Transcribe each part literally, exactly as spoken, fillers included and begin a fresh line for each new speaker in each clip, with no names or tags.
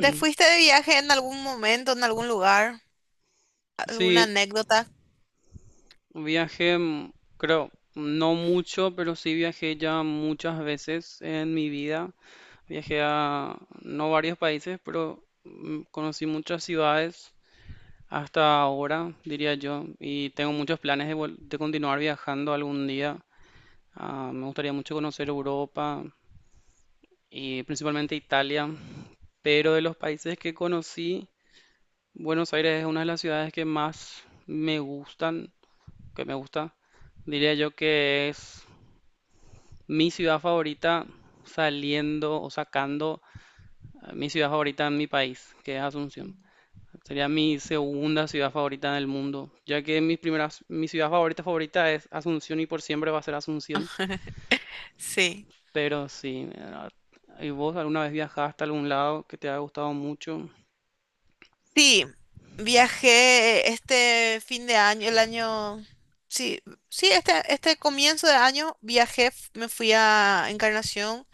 ¿Te fuiste de viaje en algún momento, en algún lugar? ¿Alguna
Sí,
anécdota?
viajé, mm, creo, no mucho, pero sí viajé ya muchas veces en mi vida. Viajé a no varios países, pero mm, conocí muchas ciudades hasta ahora, diría yo, y tengo muchos planes de, vol- de continuar viajando algún día. Ah, me gustaría mucho conocer Europa y principalmente Italia, pero de los países que conocí, Buenos Aires es una de las ciudades que más me gustan. Que me gusta. Diría yo que es mi ciudad favorita saliendo o sacando eh, mi ciudad favorita en mi país, que es Asunción. Sería mi segunda ciudad favorita del mundo, ya que mi primera, mi ciudad favorita favorita es Asunción y por siempre va a ser Asunción.
Sí.
Pero sí, eh, ¿y vos alguna vez viajaste a algún lado que te haya gustado mucho?
Sí, viajé este fin de año, el año... Sí, sí, este, este comienzo de año viajé, f- me fui a Encarnación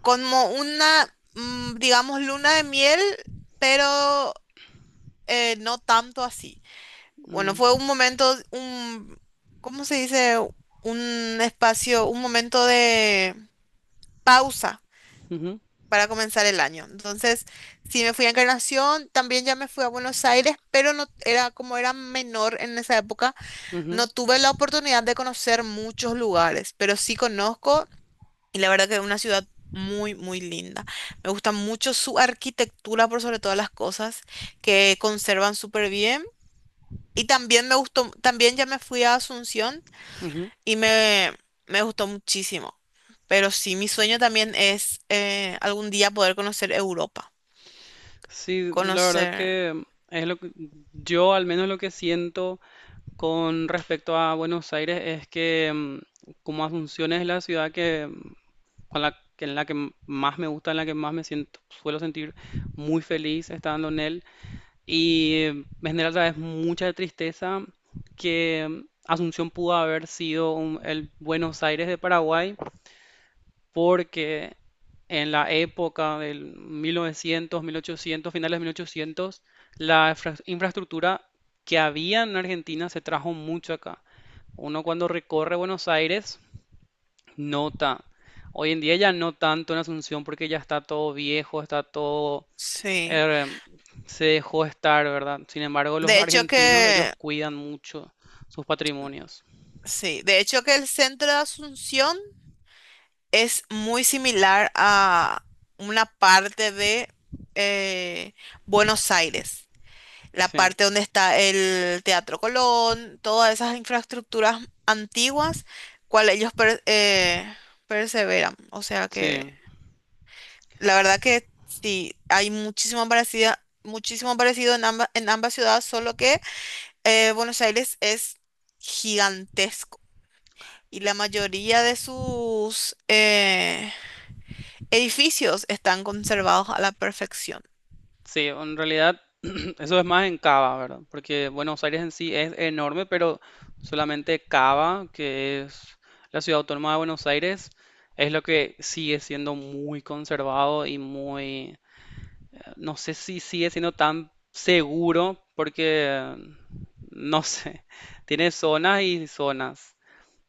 como una, mm, digamos, luna de miel, pero eh, no tanto así. Bueno,
Mm,
fue un momento, un, ¿cómo se dice? Un espacio, un momento de pausa
ujú,
para comenzar el año. Entonces, sí me fui a Encarnación, también ya me fui a Buenos Aires, pero no era como era menor en esa época,
ujú,
no tuve la oportunidad de conocer muchos lugares, pero sí conozco y la verdad que es una ciudad muy, muy linda. Me gusta mucho su arquitectura por sobre todas las cosas, que conservan súper bien. Y también me gustó, también ya me fui a Asunción
ujú.
y me, me gustó muchísimo. Pero sí, mi sueño también es eh, algún día poder conocer Europa.
Sí, la verdad
Conocer,
que es lo que yo al menos lo que siento con respecto a Buenos Aires es que mm, como Asunción es la ciudad que mm, con la que en la que m- más me gusta, en la que más me siento, suelo sentir muy feliz estando en él y eh, me genera sabes mucha tristeza que mm, Asunción pudo haber sido un- el Buenos Aires de Paraguay porque en la época del mil novecientos, mil ochocientos, finales de mil ochocientos, la infra- infraestructura que había en Argentina se trajo mucho acá. Uno cuando recorre Buenos Aires nota. Hoy en día ya no tanto en Asunción porque ya está todo viejo, está todo.
sí.
eh, Se dejó estar, ¿verdad? Sin embargo, los
De hecho
argentinos, ellos
que,
cuidan mucho sus patrimonios.
sí, de hecho que el centro de Asunción es muy similar a una parte de eh, Buenos Aires, la
Sí,
parte donde está el Teatro Colón, todas esas infraestructuras antiguas, cual ellos per- eh, perseveran. O sea
sí.
que, la verdad que sí, hay muchísimo parecido, muchísimo parecido en ambas, en ambas ciudades, solo que eh, Buenos Aires es gigantesco y la mayoría de sus eh, edificios están conservados a la perfección.
Sí, en realidad eso es más en Cava, ¿verdad? Porque bueno, Buenos Aires en sí es enorme, pero solamente Cava, que es la ciudad autónoma de Buenos Aires, es lo que sigue siendo muy conservado y muy, eh, no sé si sigue siendo tan seguro, porque, eh, no sé, tiene zonas y zonas.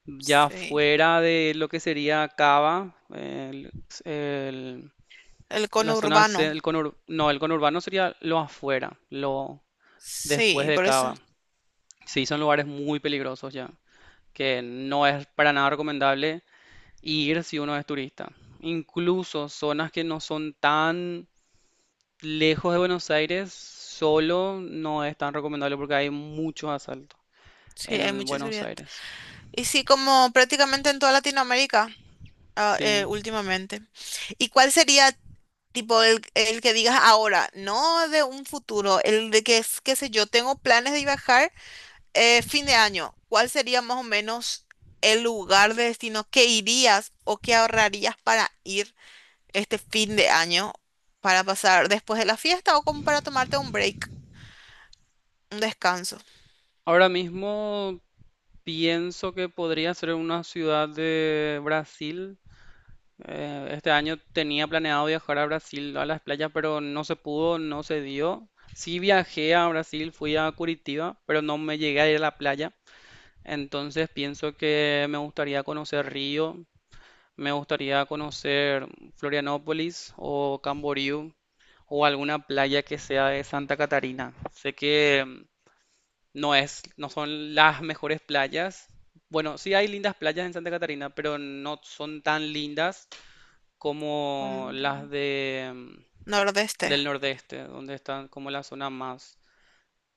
Ya
Sí,
fuera de lo que sería Cava, el, el-
el
la zona C,
conurbano.
el conur- no, el conurbano sería lo afuera, lo después
Sí,
de
por eso.
Cava. Sí, son lugares muy peligrosos ya, que no es para nada recomendable ir si uno es turista. Incluso zonas que no son tan lejos de Buenos Aires, solo no es tan recomendable porque hay muchos asaltos
Sí, hay
en
mucha
Buenos
seguridad.
Aires.
Y sí, como prácticamente en toda Latinoamérica ah, eh,
Sí.
últimamente. ¿Y cuál sería tipo el, el que digas ahora, no de un futuro, el de que es, qué sé yo, tengo planes de viajar? Eh, fin de año, ¿cuál sería más o menos el lugar de destino que irías o que ahorrarías para ir este fin de año para pasar después de la fiesta o como para tomarte un break, un descanso?
Ahora mismo pienso que podría ser una ciudad de Brasil. Eh, este año tenía planeado viajar a Brasil, a las playas, pero no se pudo, no se dio. Sí viajé a Brasil, fui a Curitiba, pero no me llegué a ir a la playa. Entonces pienso que me gustaría conocer Río, me gustaría conocer Florianópolis o Camboriú o alguna playa que sea de Santa Catarina. Sé que mm, no es, no son las mejores playas. Bueno, sí hay lindas playas en Santa Catarina, pero no son tan lindas
Con
como las de, mm,
Nordeste,
del nordeste, donde están como la zona más,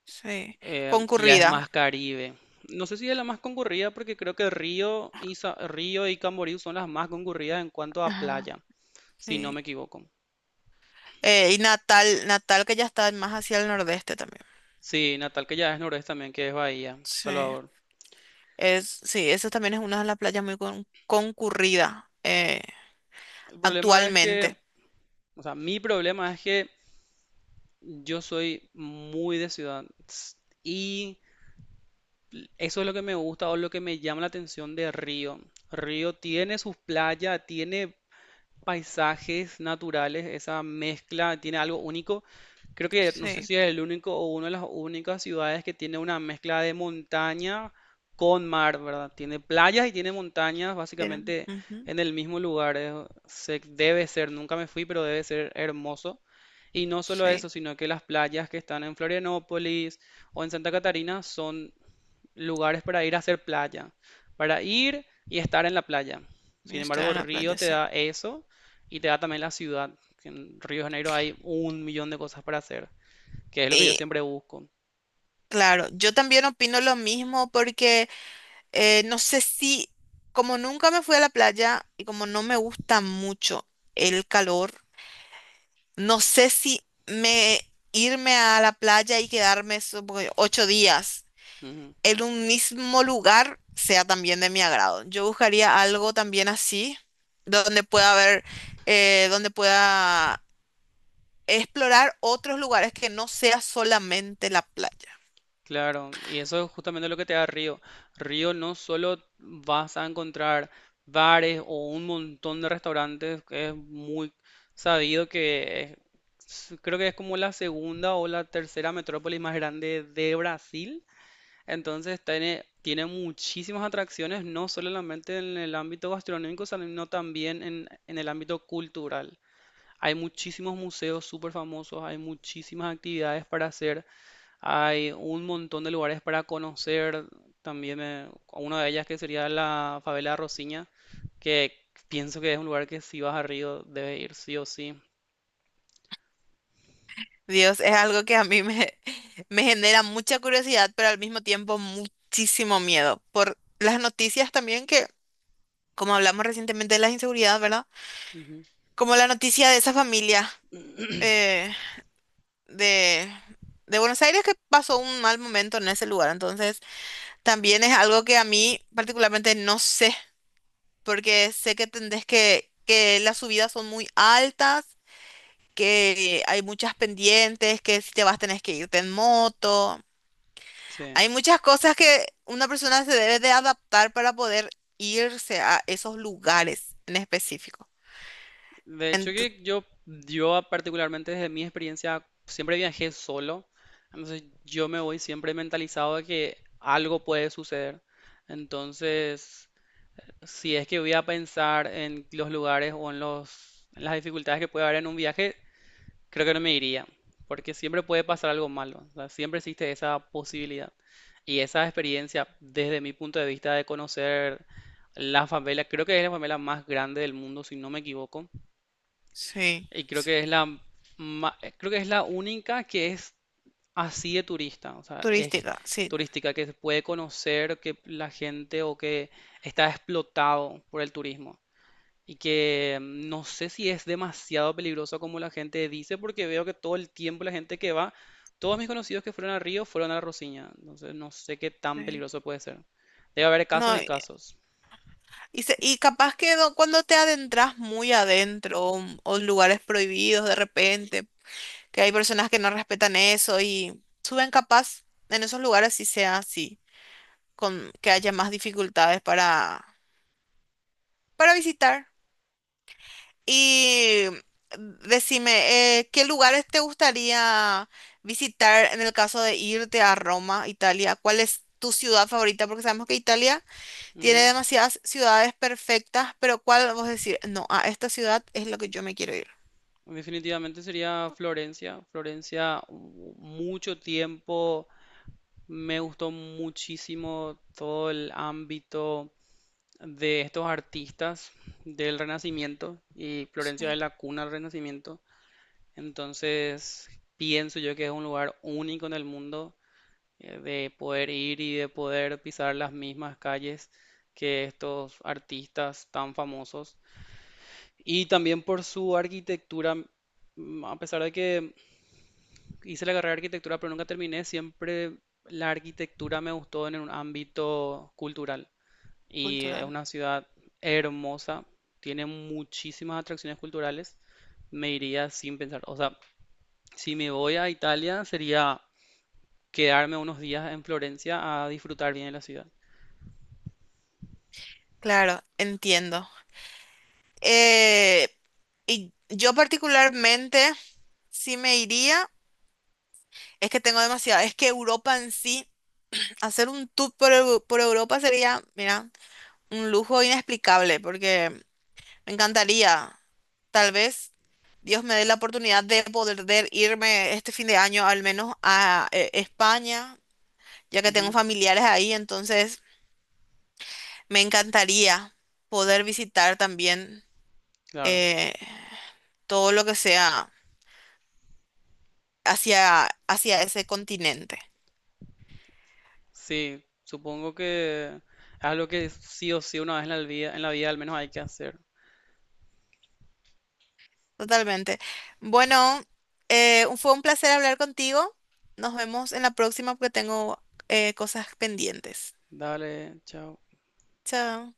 sí,
eh, que ya es
concurrida.
más Caribe. No sé si es la más concurrida porque creo que Río y, Sa- Río y Camboriú son las más concurridas en cuanto a
Ajá,
playa, si no me
sí.
equivoco.
Eh, y Natal, Natal que ya está más hacia el nordeste también.
Sí, Natal, que ya es noroeste también, que es Bahía,
Sí,
Salvador.
es, sí, eso también es una de las playas muy con- concurrida eh,
El problema es que,
actualmente.
o sea, mi problema es que yo soy muy de ciudad s- y eso es lo que me gusta o lo que me llama la atención de Río. Río tiene sus playas, tiene paisajes naturales, esa mezcla, tiene algo único. Creo que no sé
Sí,
si es el único o una de las únicas ciudades que tiene una mezcla de montaña con mar, ¿verdad? Tiene playas y tiene montañas
tienen.
básicamente
Ujú.
en el mismo lugar. Es- se, debe ser, nunca me fui, pero debe ser hermoso. Y no solo eso,
Sí,
sino que las playas que están en Florianópolis o en Santa Catarina son lugares para ir a hacer playa, para ir y estar en la playa. Sin
estar
embargo,
en la
Río
playa,
te
sí.
da eso y te da también la ciudad. En Río de Janeiro hay un millón de cosas para hacer, que es lo que yo
Y
siempre busco.
claro, yo también opino lo mismo porque eh, no sé si, como nunca me fui a la playa y como no me gusta mucho el calor, no sé si me irme a la playa y quedarme supongo, ocho días
Ujú.
en un mismo lugar sea también de mi agrado. Yo buscaría algo también así, donde pueda haber, eh, donde pueda explorar otros lugares que no sea solamente la playa.
Claro, y eso es justamente lo que te da Río. Río no solo vas a encontrar bares o un montón de restaurantes, que es muy sabido que es- creo que es como la segunda o la tercera metrópolis más grande de Brasil. Entonces tiene, tiene muchísimas atracciones, no solamente en el ámbito gastronómico, sino también en, en el ámbito cultural. Hay muchísimos museos súper famosos, hay muchísimas actividades para hacer, hay un montón de lugares para conocer. También me- una de ellas que sería la favela de Rosiña, que pienso que es un lugar que si vas a Río debes ir sí o sí.
Dios, es algo que a mí me, me genera mucha curiosidad, pero al mismo tiempo muchísimo miedo. Por las noticias también que, como hablamos recientemente de la inseguridad, ¿verdad?
Ujú.
Como la noticia de esa familia eh, de, de Buenos Aires que pasó un mal momento en ese lugar. Entonces, también es algo que a mí particularmente no sé, porque sé que tendés que, que las subidas son muy altas, que hay muchas pendientes, que si te vas tenés que irte en moto.
Sí.
Hay muchas cosas que una persona se debe de adaptar para poder irse a esos lugares en específico.
De hecho
Ento-
que yo, yo particularmente desde mi experiencia siempre viajé solo, entonces yo me voy siempre mentalizado de que algo puede suceder. Entonces, si es que voy a pensar en los lugares o en los, en las dificultades que puede haber en un viaje, creo que no me iría, porque siempre puede pasar algo malo, o sea, siempre existe esa posibilidad. Y esa experiencia, desde mi punto de vista de conocer la favela, creo que es la favela más grande del mundo, si no me equivoco.
sí,
Y creo
sí,
que es la ma- eh, creo que es la única que es así de turista, o sea, es
turística, sí.
turística, que se puede conocer, que la gente o que está explotado por el turismo. Y que mm, no sé si es demasiado peligroso como la gente dice, porque veo que todo el tiempo la gente que va, todos mis conocidos que fueron a Río fueron a la Rosiña. Entonces no sé qué tan
Sí.
peligroso puede ser. Debe haber casos
No,
y
y,
casos.
y se- y capaz que no- cuando te adentras muy adentro o, o lugares prohibidos de repente, que hay personas que no respetan eso y suben capaz en esos lugares si sea así, con que haya más dificultades para, para visitar. Y decime, eh, ¿qué lugares te gustaría visitar en el caso de irte a Roma, Italia? ¿Cuál es tu ciudad favorita? Porque sabemos que Italia tiene
Ujú.
demasiadas ciudades perfectas, pero ¿cuál vos decís? No, a esta ciudad es lo que yo me quiero ir.
Definitivamente sería Florencia. Florencia, u- mucho tiempo. Me gustó muchísimo todo el ámbito de estos artistas del Renacimiento y Florencia
Sí,
es la cuna del Renacimiento. Entonces, pienso yo que es un lugar único en el mundo eh, de poder ir y de poder pisar las mismas calles que estos artistas tan famosos. Y también por su arquitectura, m- a pesar de que hice la carrera de arquitectura, pero nunca terminé. Siempre la arquitectura me gustó en un ámbito cultural. Y es
cultural.
una ciudad hermosa, tiene muchísimas atracciones culturales. Me iría sin pensar. O sea, si me voy a Italia, sería quedarme unos días en Florencia a disfrutar bien de la ciudad.
Claro, entiendo. Eh, y yo particularmente, sí me iría, es que tengo demasiado, es que Europa en sí, hacer un tour por, Eu- por Europa sería, mira, un lujo inexplicable, porque me encantaría, tal vez Dios me dé la oportunidad de poder de irme este fin de año al menos a eh, España, ya que tengo
Ujú,
familiares ahí, entonces me encantaría poder visitar también
claro.
eh, todo lo que sea hacia, hacia ese continente.
Sí, supongo que es algo que sí o sí una vez en la vida, en la vida al menos hay que hacer.
Totalmente. Bueno, eh, fue un placer hablar contigo. Nos vemos en la próxima porque tengo eh, cosas pendientes.
Dale, chao.
Chao.